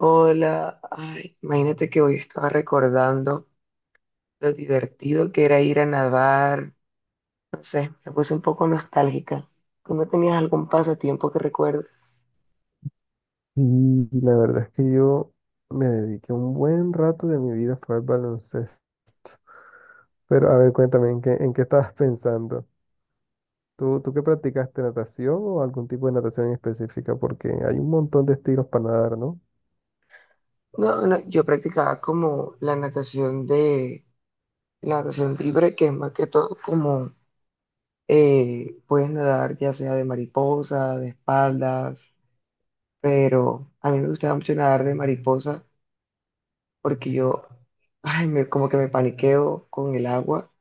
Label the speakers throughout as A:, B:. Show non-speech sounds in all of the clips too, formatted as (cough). A: Hola, ay, imagínate que hoy estaba recordando lo divertido que era ir a nadar. No sé, me puse un poco nostálgica. ¿Tú no tenías algún pasatiempo que recuerdes?
B: Y la verdad es que yo me dediqué un buen rato de mi vida fue al baloncesto. Pero a ver, cuéntame, ¿en qué estabas pensando? ¿Tú qué practicaste natación o algún tipo de natación en específica? Porque hay un montón de estilos para nadar, ¿no?
A: No, no, yo practicaba como la natación de la natación libre, que es más que todo como puedes nadar ya sea de mariposa, de espaldas, pero a mí me gustaba mucho nadar de mariposa porque yo, ay, me, como que me paniqueo con el agua,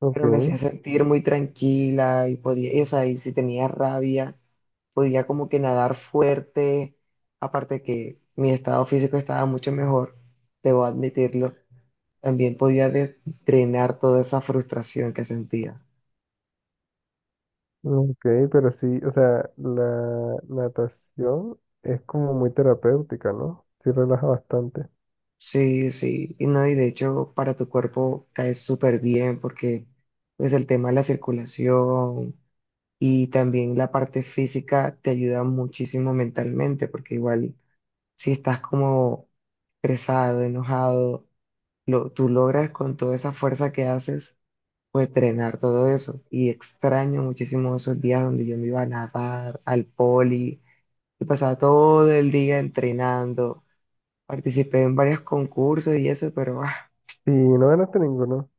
B: Ok,
A: pero me hacía sentir muy tranquila y podía, y, o sea, y si tenía rabia, podía como que nadar fuerte, aparte que mi estado físico estaba mucho mejor, debo admitirlo, también drenar toda esa frustración que sentía.
B: ok, pero sí, o sea, la natación es como muy terapéutica, ¿no? Sí relaja bastante.
A: Sí, sí, y no, y de hecho para tu cuerpo cae súper bien porque pues el tema de la circulación y también la parte física te ayuda muchísimo mentalmente porque igual si estás como estresado, enojado, tú logras con toda esa fuerza que haces, pues drenar todo eso. Y extraño muchísimo esos días donde yo me iba a nadar al poli y pasaba todo el día entrenando. Participé en varios concursos y eso, pero ah,
B: Y no ganaste ninguno.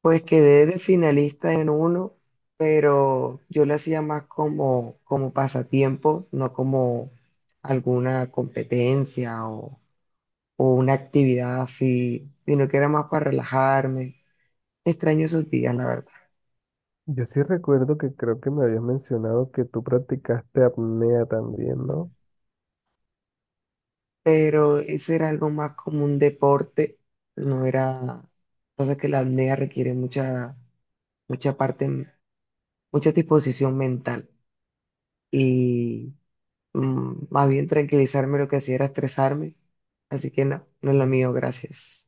A: pues quedé de finalista en uno, pero yo lo hacía más como pasatiempo, no como alguna competencia o una actividad así, sino que era más para relajarme. Extraño esos días, la verdad.
B: Yo sí recuerdo que creo que me habías mencionado que tú practicaste apnea también, ¿no?
A: Pero ese era algo más como un deporte, no era... Pasa que la apnea requiere mucha parte, mucha disposición mental y más bien, tranquilizarme lo que hacía era estresarme, así que no, no es lo mío, gracias.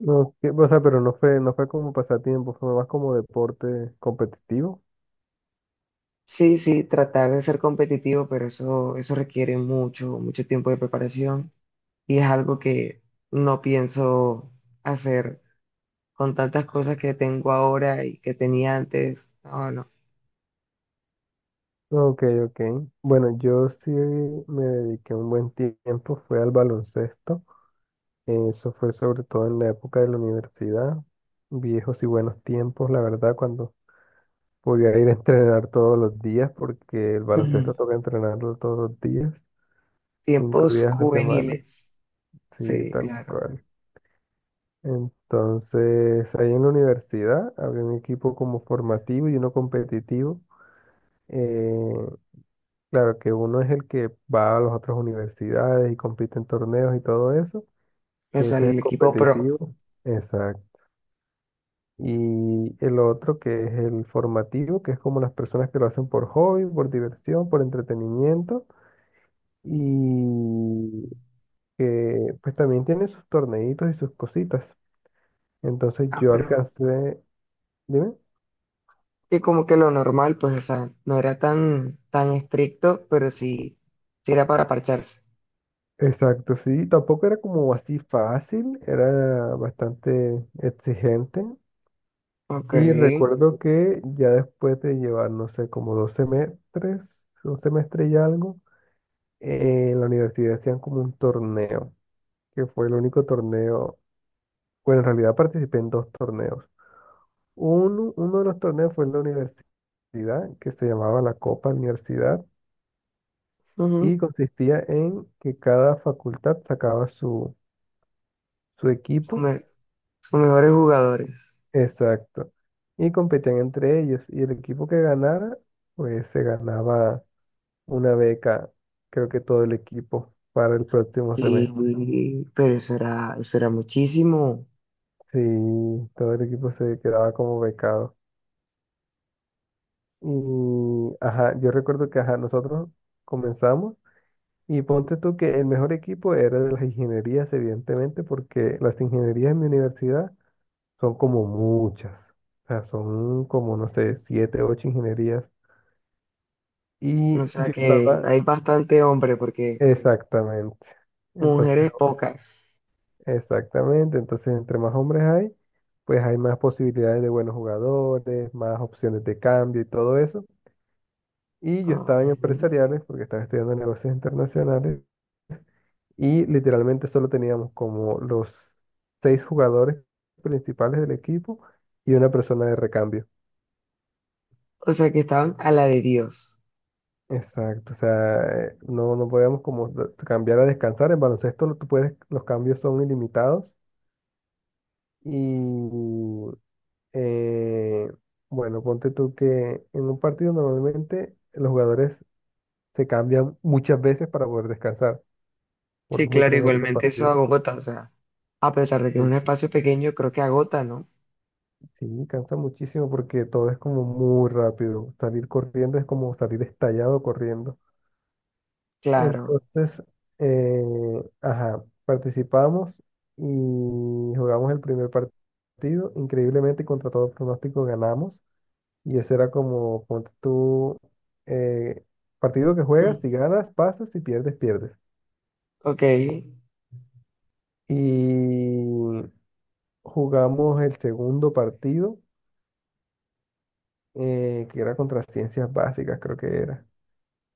B: No, o sea, pero no fue como pasatiempo, fue más como deporte competitivo.
A: Sí, sí, tratar de ser competitivo, pero eso requiere mucho tiempo de preparación y es algo que no pienso hacer con tantas cosas que tengo ahora y que tenía antes. No, no.
B: Ok, ok. Bueno, yo sí me dediqué un buen tiempo, fue al baloncesto. Eso fue sobre todo en la época de la universidad. Viejos y buenos tiempos, la verdad, cuando podía ir a entrenar todos los días, porque el
A: Ujú.
B: baloncesto toca entrenarlo todos los días, cinco
A: Tiempos
B: días a la semana.
A: juveniles.
B: Sí,
A: Sí,
B: tal
A: claro.
B: cual. Entonces, ahí en la universidad había un equipo como formativo y uno competitivo. Eh, claro que uno es el que va a las otras universidades y compite en torneos y todo eso,
A: O
B: que
A: sea,
B: ese es el
A: el equipo pro.
B: competitivo. Exacto. Y el otro que es el formativo, que es como las personas que lo hacen por hobby, por diversión, por entretenimiento y que pues también tiene sus torneitos y sus cositas. Entonces
A: Ah,
B: yo
A: pero
B: alcancé, dime.
A: que como que lo normal, pues, o sea, no era tan estricto, pero sí, sí era para parcharse.
B: Exacto, sí, tampoco era como así fácil, era bastante exigente.
A: Ok.
B: Y recuerdo que ya después de llevar, no sé, como 2 semestres, un semestre y algo, en la universidad hacían como un torneo, que fue el único torneo, bueno, en realidad participé en dos torneos. Uno de los torneos fue en la universidad, que se llamaba la Copa Universidad, y
A: Ujú.
B: consistía en que cada facultad sacaba su
A: Son,
B: equipo.
A: me- Son mejores jugadores.
B: Exacto. Y competían entre ellos. Y el equipo que ganara, pues se ganaba una beca, creo que todo el equipo, para el próximo
A: Y,
B: semestre.
A: pero eso era muchísimo.
B: Sí, todo el equipo se quedaba como becado. Y, ajá, yo recuerdo que, ajá, nosotros comenzamos. Y ponte tú que el mejor equipo era de las ingenierías, evidentemente, porque las ingenierías en mi universidad son como muchas. O sea, son como, no sé, siete, ocho ingenierías. Y
A: O sea
B: yo
A: que
B: estaba...
A: hay bastante hombre porque
B: Exactamente. Entonces,
A: Mujeres pocas.
B: exactamente. Entonces, entre más hombres hay, pues hay más posibilidades de buenos jugadores, más opciones de cambio y todo eso. Y yo
A: Ajá.
B: estaba en empresariales porque estaba estudiando negocios internacionales y literalmente solo teníamos como los seis jugadores principales del equipo y una persona de recambio.
A: O sea, que estaban a la de Dios.
B: Exacto, o sea, no podíamos como cambiar a descansar. En baloncesto tú puedes, los cambios son ilimitados y, Eh, bueno, ponte tú que en un partido normalmente los jugadores se cambian muchas veces para poder descansar, porque
A: Sí,
B: es muy
A: claro,
B: frenético el
A: igualmente eso
B: partido.
A: agota, o sea, a pesar de que es un
B: Sí.
A: espacio pequeño, creo que agota, ¿no?
B: Sí, cansa muchísimo porque todo es como muy rápido. Salir corriendo es como salir estallado corriendo.
A: Claro.
B: Entonces, eh, ajá, participamos y jugamos el primer partido. Increíblemente, contra todo pronóstico, ganamos. Y ese era como, ponte tú, eh, partido que
A: Mm.
B: juegas, si ganas, pasas, si pierdes, pierdes.
A: Ok,
B: Y jugamos el segundo partido, que era contra ciencias básicas, creo que era.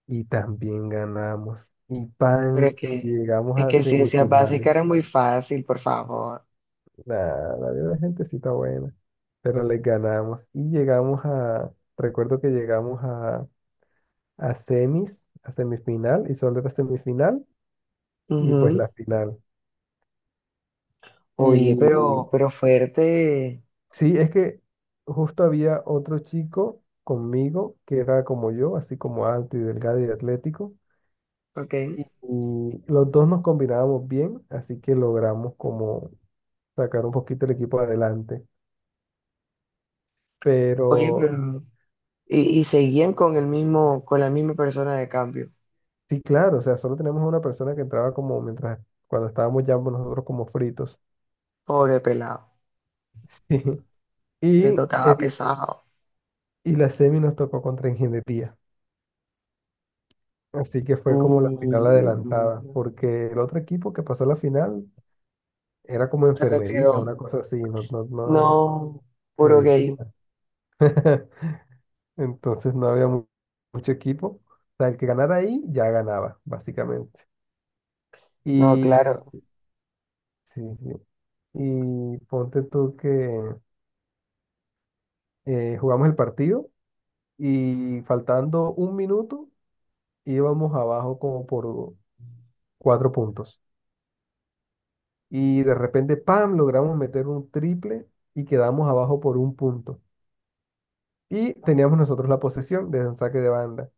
B: Y también ganamos. Y
A: pero
B: pan, llegamos
A: es
B: a
A: que ciencia
B: semifinales.
A: básica era muy fácil, por favor.
B: Nada, había una gentecita buena. Pero les ganamos. Y llegamos a, recuerdo que llegamos a, semis, a semifinal, y solo era semifinal, y pues la
A: Ujú.
B: final.
A: Oye,
B: Y
A: pero fuerte.
B: sí, es que justo había otro chico conmigo que era como yo, así como alto y delgado y atlético.
A: Ok.
B: Y los dos nos combinábamos bien, así que logramos como sacar un poquito el equipo adelante.
A: Oye,
B: Pero
A: pero. Y seguían con el mismo, con la misma persona de cambio.
B: sí, claro, o sea, solo teníamos una persona que entraba como mientras, cuando estábamos ya nosotros como fritos.
A: Pobre pelado.
B: (laughs)
A: Le
B: Y,
A: tocaba
B: el-
A: pesado.
B: y la semi nos tocó contra ingeniería. Así que fue como la final adelantada,
A: Uh.
B: porque el otro equipo que pasó a la final era como
A: Se
B: enfermería,
A: retiró.
B: una cosa así, no, no, no,
A: No, puro gay.
B: medicina. (laughs) Entonces no había mucho equipo. O sea, el que ganara ahí ya ganaba, básicamente.
A: No,
B: Y,
A: claro.
B: sí, sí. Y ponte tú que jugamos el partido y faltando un minuto íbamos abajo como por 4 puntos. Y de repente, ¡pam!, logramos meter un triple y quedamos abajo por 1 punto. Y teníamos nosotros la posesión desde un saque de banda.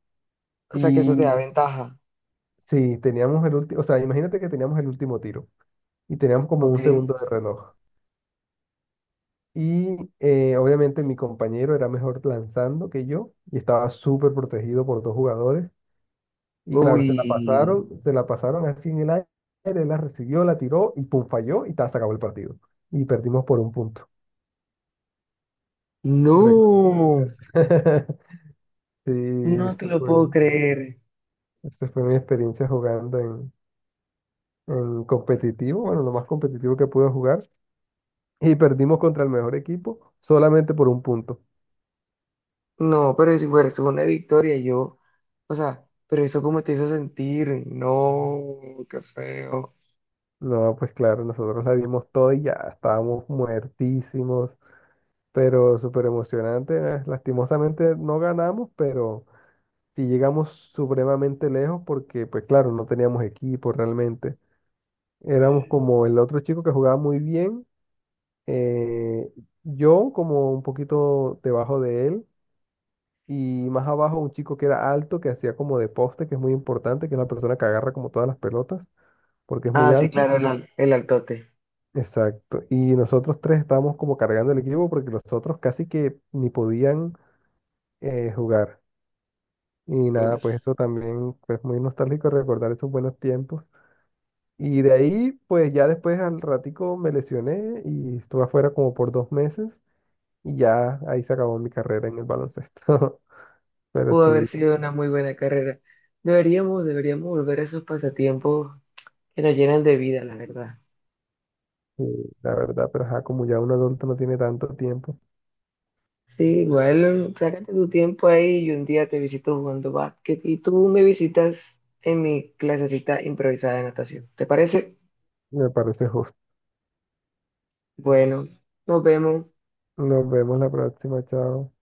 A: O sea que eso te
B: Y
A: da ventaja.
B: sí, teníamos el último, o sea, imagínate que teníamos el último tiro y teníamos como
A: Ok.
B: un segundo de reloj. Y obviamente mi compañero era mejor lanzando que yo y estaba súper protegido por dos jugadores. Y claro, se la
A: Uy.
B: pasaron, se la pasaron así en el aire, él la recibió, la tiró y pum, falló y ta, se acabó el partido. Y perdimos por 1 punto. Recuerdo
A: No.
B: eso. (laughs) Sí,
A: No te
B: esa
A: lo
B: fue,
A: puedo creer.
B: esa fue mi experiencia jugando en competitivo, bueno, lo más competitivo que pude jugar. Y perdimos contra el mejor equipo solamente por 1 punto.
A: No, pero si fuera una victoria, yo. O sea, pero eso cómo te hizo sentir. No, qué feo.
B: No, pues claro, nosotros la dimos todo y ya estábamos muertísimos, pero súper emocionante. Lastimosamente no ganamos, pero sí llegamos supremamente lejos porque, pues claro, no teníamos equipo realmente. Éramos como el otro chico que jugaba muy bien, eh, yo como un poquito debajo de él y más abajo un chico que era alto, que hacía como de poste, que es muy importante, que es la persona que agarra como todas las pelotas, porque es muy
A: Ah, sí,
B: alto.
A: claro, el altote.
B: Exacto. Y nosotros tres estábamos como cargando el equipo porque los otros casi que ni podían jugar. Y nada, pues
A: Pues,
B: eso también es muy nostálgico recordar esos buenos tiempos. Y de ahí, pues ya después al ratico me lesioné y estuve afuera como por 2 meses y ya ahí se acabó mi carrera en el baloncesto. (laughs) Pero
A: pudo haber
B: sí,
A: sido una muy buena carrera. Deberíamos, deberíamos volver a esos pasatiempos que nos llenan de vida, la verdad.
B: sí, la verdad, pero ajá, como ya un adulto no tiene tanto tiempo,
A: Sí, igual, sácate tu tiempo ahí y un día te visito jugando básquet y tú me visitas en mi clasecita improvisada de natación. ¿Te parece?
B: me parece justo.
A: Bueno, nos vemos.
B: Nos vemos la próxima, chao.